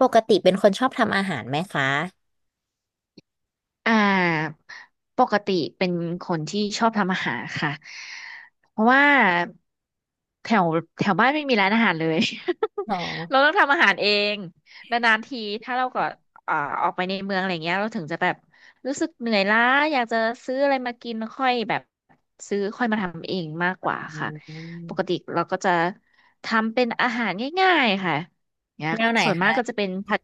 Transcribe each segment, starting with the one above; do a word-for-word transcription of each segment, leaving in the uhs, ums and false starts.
ปกติเป็นคนชอบทำอาหารไหมคะอ่าปกติเป็นคนที่ชอบทำอาหารค่ะเพราะว่าแถวแถวบ้านไม่มีร้านอาหารเลย เราต้องทำอาหารเองนานๆทีถ้าเราก็อ่าออกไปในเมืองอะไรเงี้ยเราถึงจะแบบรู้สึกเหนื่อยล้าอยากจะซื้ออะไรมากินแล้วค่อยแบบซื้อค่อยมาทำเองมากกว่าอืค่ะปมกติเราก็จะทำเป็นอาหารง่ายๆค่ะเนี่ยแนวไหนส่วนมาคะกก็จะเป็นผัด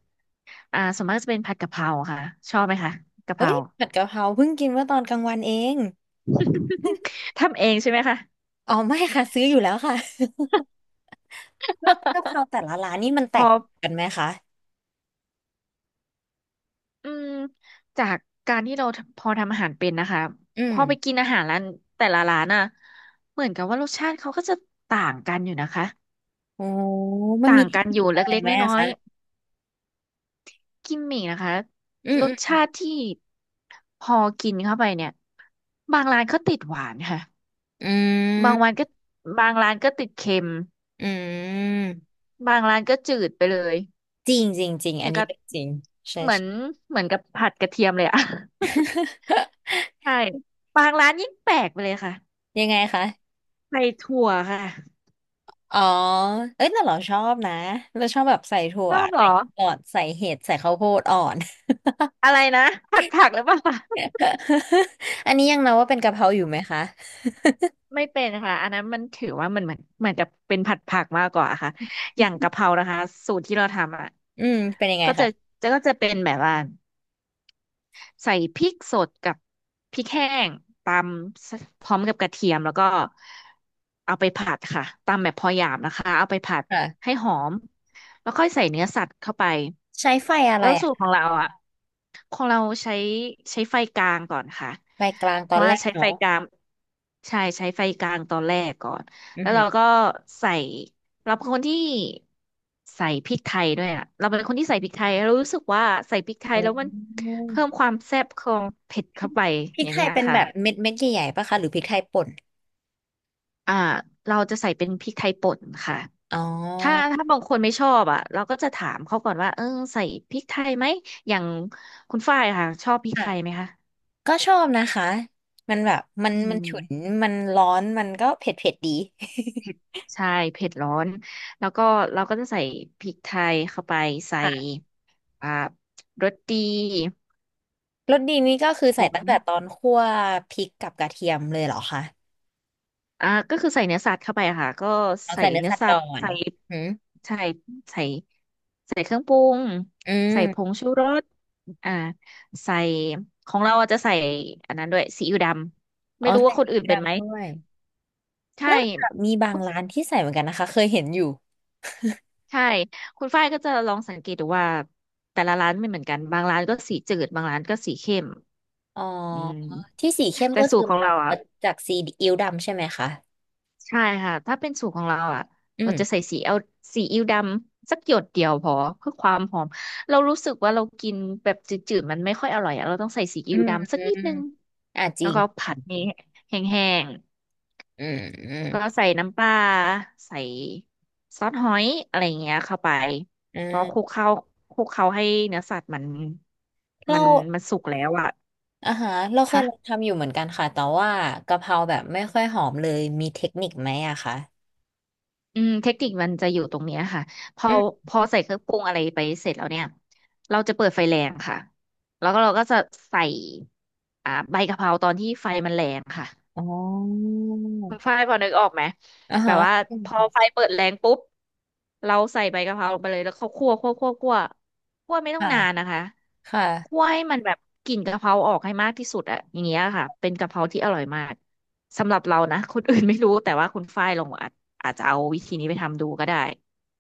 อ่าส่วนมากจะเป็นผัดกะเพราค่ะชอบไหมคะกะเพเอ้รา ยผัดกะเพราเพิ่งกินเมื่อตอนกลางวันเองทำเองใช่ไหมคะ อ๋อไม่ค่ะซื้ออยู่แล้วค่ะ แล้วกะเพ ราแต่ละร้านนี่มันแตพอกต่างกันไหมคะอืมจากการที่เราพอทำอาหารเป็นนะคะอืพมอไปกินอาหารร้านแต่ละร้านน่ะเหมือนกับว่ารสชาติเขาก็จะต่างกันอยู่นะคะโอ้มันต่ามีงเทกัคนนิอคยู่อะไรเล็กไหๆมอะน้อคะยๆกิมมิกนะคะอืมรอืสมชาติที่พอกินเข้าไปเนี่ยบางร้านก็ติดหวานค่ะอืบางวัมนก็บางร้านก็ติดเค็มอืมบางร้านก็จืดไปเลยจริงจริงจริงออัย่านงนี้กับเรื่องจริงใช่เหมือนใช่ เหมือนกับผัดกระเทียมเลยอะ ใช่ บางร้านยิ่งแปลกไปเลยค่ะยังไงคะใส่ถั่วค่ะอ๋อเอ้ยแต่เราชอบนะเราชอบแบบใส่ถั่ชวอบเหรใส่อหลอดใส่เห็ดใส่ข้าวโพดอ่อน อะไรนะผัดผักหรือเปล่าคะ อันนี้ยังนับว่าเป็นกะเพราอยู่ไหมคะไม่เป็นค่ะอันนั้นมันถือว่ามันเหมือนเหมือนจะเป็นผัดผักมากกว่าค่ะอย่างกะเพรานะคะสูตรที่เราทำอ่ะอืมเป็นยังไงก็จะคะจะก็จะเป็นแบบว่าใส่พริกสดกับพริกแห้งตำสพร้อมกับกระเทียมแล้วก็เอาไปผัดค่ะตำแบบพอหยาบนะคะเอาไปผัดให้ค่ะหอมแล้วค่อยใส่เนื้อสัตว์เข้าไปใช้ไฟอะไรแล้วอ่ะสูตรของเราอ่ะ ของเราใช้ใช้ไฟกลางก่อนค่ะไฟกลางตเพอนราะแรว่ากใช้ไฟเนาะกลางใช่ใช้ไฟกลางตอนแรกก่อนอือแล้วหืเราอก็ใส่เราเป็นคนที่ใส่พริกไทยด้วยอ่ะเราเป็นคนที่ใส่พริกไทยเรารู้สึกว่าใส่พริกไทอ๋ยแล้วมันอเพิ่มความแซ่บของเผ็ดพริเข้ากไปพริอกย่างไทเงี้ยยเป็นค่ะแบบเม็ดเม็ดใหญ่ๆปะคะหรือพริกไทยป่นอ่าเราจะใส่เป็นพริกไทยป่นค่ะอ๋อถ้าถ้าบางคนไม่ชอบอ่ะเราก็จะถามเขาก่อนว่าเออใส่พริกไทยไหมอย่างคุณฝ้ายค่ะชอบพริกไทค่ะยไหมคะก็ชอบนะคะมันแบบมันอืมันฉุนม มันร้อนมันก็เผ็ดเผ็ดดี เผ็ด ใช่เผ็ดร้อนแล้วก็เราก็จะใส่พริกไทยเข้าไปใส่ค่ะอ่ารสดีรสดีนี้ก็คือผใส่งตั้งแต่ตอนคั่วพริกกับกระเทียมเลยเหรอคะอ่าก็คือใส่เนื้อสัตว์เข้าไปอะค่ะก็เอาใส่ใส่เนื้อเนื้อสัตว์สัก่ตอว์นใส่อืมใช่ใส่ใส่เครื่องปรุงอหืออืใส่ผงมชูรสอ่าใส่ของเราอะจะใส่อันนั้นด้วยซีอิ๊วดำอ๋อไม่รู้ใส่ว่าคพนริกอื่นเป็นไหมดำด้วย ใช่น่าจะมีบางคุณร้านที่ใส่เหมือนกันนะคะเคยเห็นอยู่ใช่คุณฝ้ายก็จะลองสังเกตดูว่าแต่ละร้านไม่เหมือนกันบางร้านก็สีจืดบางร้านก็สีเข้ม อ๋ออืมที่สีเข้มแต่ก็สูคืตอรของมาเราอ่ะจากสีอิ๊วดำใช่ไหมคะใช่ค่ะถ้าเป็นสูตรของเราอ่ะอืเราจะใส่มซีเอลวซีอิ๊วดำสักหยดเดียวพอเพื่อความหอมเรารู้สึกว่าเรากินแบบจืดๆมันไม่ค่อยอร่อยอะเราต้องใส่ซีอือิ๊วมดำสัอืกนิมดนึงอ่าจแล้ริวงก็จผัริดงจนี้ริงแห้งอืมอืๆมแล้วก็ใส่น้ำปลาใส่ซอสหอยอะไรอย่างเงี้ยเข้าไปอืพอคลุมกเข้าคลุกเข้าให้เนื้อสัตว์มันเรามันมันสุกแล้วอ่ะอ่าฮะเราเคยค่ะ ลองทำอยู่เหมือนกันค่ะแต่ว่ากะเพราแบบไม่ค่อยหอมเลยมีเทคนิคไหมอะคะอืมเทคนิคมันจะอยู่ตรงเนี้ยค่ะพออืมพอใส่เครื่องปรุงอะไรไปเสร็จแล้วเนี่ยเราจะเปิดไฟแรงค่ะแล้วก็เราก็จะใส่อ่าใบกะเพราตอนที่ไฟมันแรงค่ะอ๋อคุณฝ้ายพอนึกออกไหมอ่าแบฮะบว่าพอไฟเปิดแรงปุ๊บเราใส่ใบกะเพราลงไปเลยแล้วเขาคั่วคั่วคั่วคั่วคั่วไม่ต้องค่ะนานนะคะคคั่ว่ะให้มันแบบกลิ่นกะเพราออกให้มากที่สุดอะอย่างเงี้ยค่ะเป็นกะเพราที่อร่อยมากสำหรับเรานะคนอื่นไม่รู้แต่ว่าคุณฝ้ายลองอาจอาจจะเอาวิธีนี้ไปทำดูก็ได้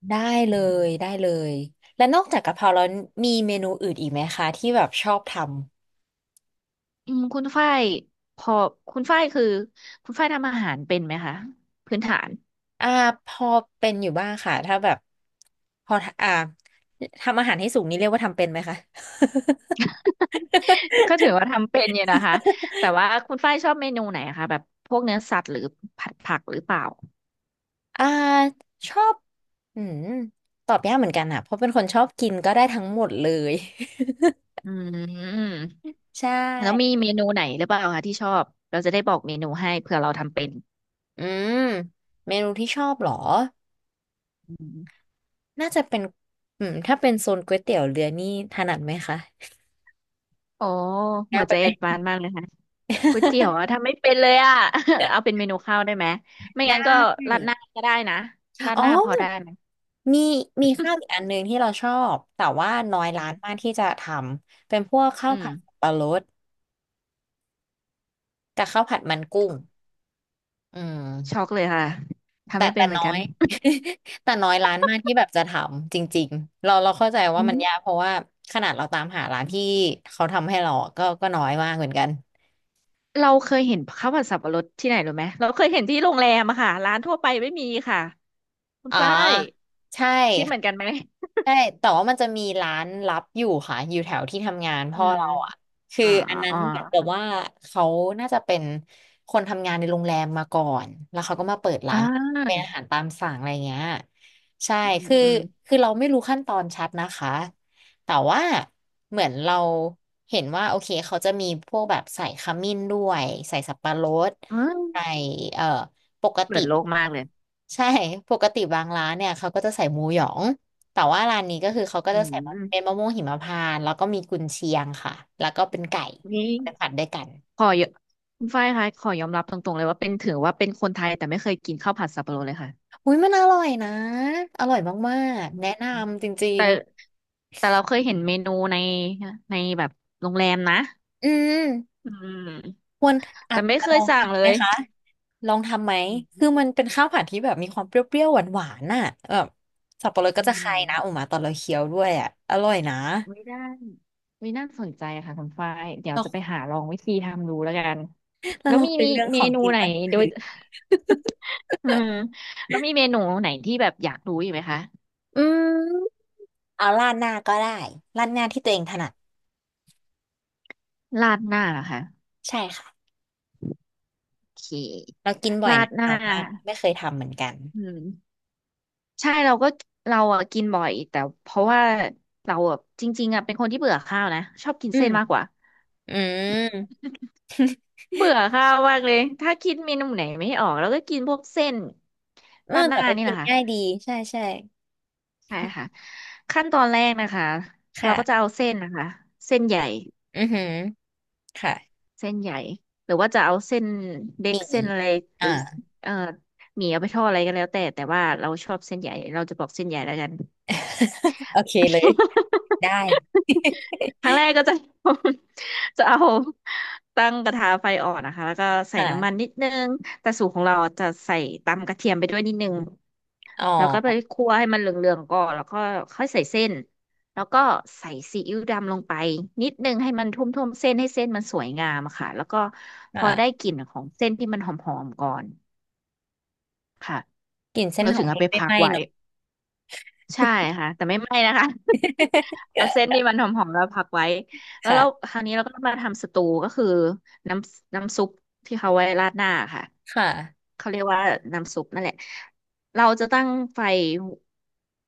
ได้เลยได้เลยแล้วนอกจากกะเพราแล้วมีเมนูอื่นอีกไหมคะที่แบบชอบท อืมคุณฝ้ายพอคุณฝ้ายคือคุณฝ้ายทำอาหารเป็นไหมคะพื้นฐาน อ่าพอเป็นอยู่บ้างค่ะถ้าแบบพออ่าทำอาหารให้สุกนี่เรียกว่าทำเป็นไหมคะ ก็ถือว่าทำเป็นอยู่นะคะแต่ว่าคุณฝ้ายชอบเมนูไหนอะคะแบบพวกเนื้อสัตว์หรือผัดผักหรือเปล่า อ่าชอบอืมตอบยากเหมือนกันอะเพราะเป็นคนชอบกินก็ได้ทั้งหมดเลย อืม ใชแล้วมี่เมนูไหนหรือเปล่าคะที่ชอบเราจะได้บอกเมนูให้เผื่อเราทำเป็นอืมเมนูที่ชอบเหรออืมน่าจะเป็นอืมถ้าเป็นโซนก๋วยเตี๋ยวเรือนี่ถนัดไหมคะโอ้เหยามืกอนไปจะไหม เอ็ดบานมากเลยค่ะก๋วยเตี๋ยว อะทำไม่เป็นเลยอะ เอาเป็นเมนูข้าวได้ไหมไม่ได้ งั้นก็ราดหน้าก็ได้นะราดอ๋อหน้าพอได้ไหมมีมีข้าวอีกอันหนึ่งที่เราชอบแต่ว่าน้อยอืร้ามนมากที่จะทำเป็นพวกข้าวอืม ผัดสับปะรดกับข้าวผัดมันกุ้งอืช็อกมเลยค่ะทำแต่ไม่เป็แต่นเหมือน้นอกันย แต่น้อยร้านมากที่แบบจะทำจริงๆเราเราเข้าใจว่าอืมันมยากเพราะว่าขนาดเราตามหาร้านที่เขาทำให้เราก็ก็น้อยมากเหมือนกันเราเคยเห็นข้าวผัดสับปะรดที่ไหนรู้ไหมเราเคยเห็นที่โรงแรมอะค่ะร้านทั่วไปไม่มีค่ะคุณอ๋อฝ้ายใช่ คิดเหมือนกันไหมใช่ แต่ว่ามันจะมีร้านลับอยู่ค่ะ อยู่แถวที่ทำงานอืพ่อมเราอ่ะคืออ่าอันนั้อ่นเหมือนกับาว่าเขาน่าจะเป็นคนทำงานในโรงแรมมาก่อน แล้วเขาก็มาเปิดอ่ร้านเป็นาอาหารตามสั่งอะไรเงี้ยใช่ อืมคืออืมคือเราไม่รู้ขั้นตอนชัดนะคะ แต่ว่าเหมือนเราเห็นว่าโอเคเขาจะมีพวกแบบใส่ขมิ้นด้วยใส่สับปะรดอืมใส่เอ่อปกเปิติดโลกมากเลยใช่ ปกติบางร้านเนี่ยเขาก็จะใส่หมูหยอง แต่ว่าร้านนี้ก็คือเขาก็อืจะใส่มะเป็นมมะม่วงหิมพานต์แล้วก็มีกุนเชียงค่ะแล้วก็เป็นไก่นี่ไปผัดด้วยกันขอยคุณฝ้ายคะขอยอมรับตรงๆเลยว่าเป็นถือว่าเป็นคนไทยแต่ไม่เคยกินข้าวผัดสับปะรดเลยค่ะอุ้ยมันอร่อยนะอร่อยมากอืๆแนะมนำจริงแต่เราเคยเห็นเมนูในในแบบโรงแรมนะๆอืมอืมควรอาแต่จไม่จะเคลยองสั่งทำเลไหมย คะลองทำไหมอืคือมมันเป็นข้าวผัดที่แบบมีความเปรี้ยวๆหวานๆน่ะแบบสับปะรดก็อืจะคายนะออกมมาตอนเราเคี้ยวด้วยอ่ะอร่อยนะไม่ได้ไม่น่าสนใจค่ะคุณฝ้ายเดี๋ยวแล้วจะไปหาลองวิธีทำดูแล้วกันแล้วแล้วเรามีเป็นมีเรื่องเมของนูกินไหนตอนกลางโดคืย น อืมแล้วมีเมนูไหนที่แบบอยากรู้อีกไหมคะ อืมเอาราดหน้าก็ได้ราดหน้าที่ตัวเองถนัดราดหน้าเหรอคะใช่ค่ะ โอเเราคกินบ่อยราดนะหน้าแต่ว่าไม่เคยทำเหมือนกันอืมใช่เราก็เราอะกินบ่อยแต่เพราะว่าเราอะจริงๆอะเป็นคนที่เบื่อข้าวนะชอบกินอืเส้มนมากกว่าอืมเบื่อข้าวมากเลยถ้าคิดเมนูไหนไม่ออกแล้วก็กินพวกเส้นเออราดหแต่น้าก็นี่แหกิละนค่ะ ง่ายดีใช่ใช่ใช่ค่ะขั้นตอนแรกนะคะเราก็จะค่ะเอาเส้นนะคะเส้นใหญ่อือหือค่ะเส้นใหญ่หรือว่าจะเอาเส้นเล็กมีเส้นอะไรหอ่า รือเอ่อหมี่เอาไปทอดอะไรก็แล้วแต่แต่ว่าเราชอบเส้นใหญ่เราจะบอกเส้นใหญ่แล้วกัน โอเคเลยได้ ครั้งแรกก็จะ จะเอาตั้งกระทะไฟอ่อนนะคะแล้วก็ ใส่น้ำมันค่ะนิดนึงแต่สูตรของเราจะใส่ตำกระเทียมไปด้วยนิดนึง อ๋แล้วก็ไปอคั่วให้มันเหลืองๆก่อนแล้วก็ค่อยใส่เส้นแล้วก็ใส่ซีอิ๊วดำลงไปนิดนึงให้มันท่วมๆเส้นให้เส้นมันสวยงามอะค่ะแล้วก็พอได้ค่ะกลิ่นของเส้นที่มันหอมๆก่อนกลิ่นเส้นเราหอถึงมเอาไม่ไปไม่พัไหกม้ไว้ เนอะ ใช่ค่ะแต่ไม่ไหม้นะคะ เอาเส้นที่มันหอมๆแล้วพักไว้แล้วเราค่ะคราวนี้เราก็มาทำสตูก็คือน้ำน้ำซุปที่เขาไว้ราดหน้าค่ะค่ะเขาเรียกว่าน้ำซุปนั่นแหละเราจะตั้งไฟ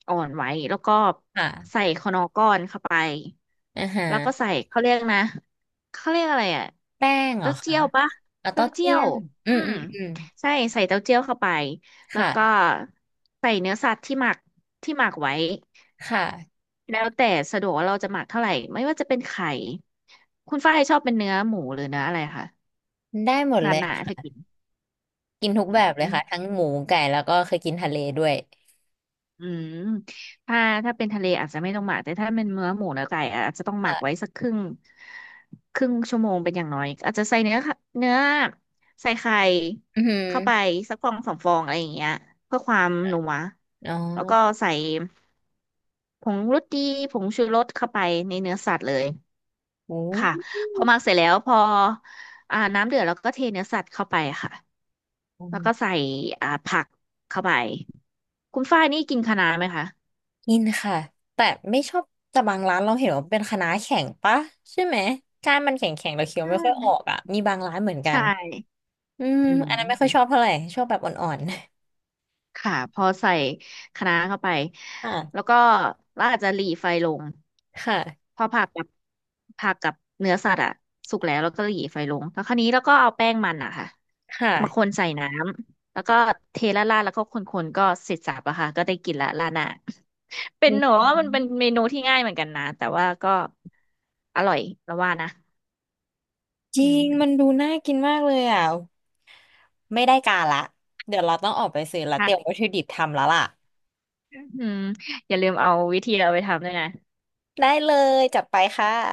อ่อนไว้แล้วก็ใส่ค่ะคนอร์ก้อนเข้าไปอือฮะแล้วก็ใส่เขาเรียกนะเขาเรียกอะไรอ่ะแป้งเหรอเต้าคะเจี้ยวปะเอาเต้าเต้าเจี้เจี้ยยวนอือืมอืมมอืมใช่ใส่เต้าเจี้ยวเข้าไป แล้วค่ะก็ใส่เนื้อสัตว์ที่หมักที่หมักไว้ค่ะแล้วแต่สะดวกว่าเราจะหมักเท่าไหร่ไม่ว่าจะเป็นไข่คุณฝ้ายชอบเป็นเนื้อหมูหรือเนื้ออะไรคะได้หมดหนาเลยหนาถ้าค่ะกินกินทุกอแบบเลืยมค่ะทั้งหมูไก่แล้วก็เคยกินทะเลด้วยอืมถ้าถ้าเป็นทะเลอาจจะไม่ต้องหมักแต่ถ้าเป็นเนื้อหมูเนื้อไก่อาจจะต้องหมักค่ะไว้สักครึ่งครึ่งชั่วโมงเป็นอย่างน้อยอาจจะใส่เนื้อค่ะเนื้อใส่ไข่อือหือ เข้าไปสักฟองสองฟองอะไรอย่างเงี้ยเพื่อความนัวอ๋อแล้วก็ใส่ ผงรสดีผงชูรสเข้าไปในเนื้อสัตว์เลยโอ้ค่ะพอหมักเสร็จแล้วพออ่าน้ำเดือดแล้วก็เทเนื้อสัตว์เข้าไปค่ะแล้วก็ใส่อ่าผักเข้าไปคุณฝ้ายนี่กินคะน้าไหมคะกินค่ะ แต่ไม่ชอบแต่บางร้านเราเห็นว่าเป็นคะน้าแข็งปะใช่ไหมก้านมันแข็งแข็งเราเคี้ยวอ่ไม่ค่อยออกาอ่ะมีบางร้านเหมือนกัใช่นอืมอือันนั้นไม่ค่อยมชอบเท่าไหร่ชอบแบบอ่อนค่ะพอใส่คะน้าเข้าไปๆแล้วค่ะก็เราอาจจะหรี่ไฟลง ค่ะพอผักกับผักกับเนื้อสัตว์อะสุกแล้วแล้วก็หยีไฟลงแล้วคราวนี้แล้วก็เอาแป้งมันอะค่ะมาคค่ะนใส่น้ำแล้วก็เทละลาดๆแล้วก็คนๆก็เสร็จสรรพอะค่ะก็ได้กินละลาหน้าเป็อืนหนูมว่ามันเป็นเมนูที่ง่ายเหมือนกันนะแต่ว่าก็อร่อยแล้วว่านะจอืริงมันมดูน่ากินมากเลยอ่ะไม่ได้การละเดี๋ยวเราต้องออกไปซื้อละเตรียมวัตค่ะถุดิบทำแล้วล่ะ อืมอย่าลืมเอาวิธีเอาไปทำด้วยนะได้เลยจัดไปค่ะ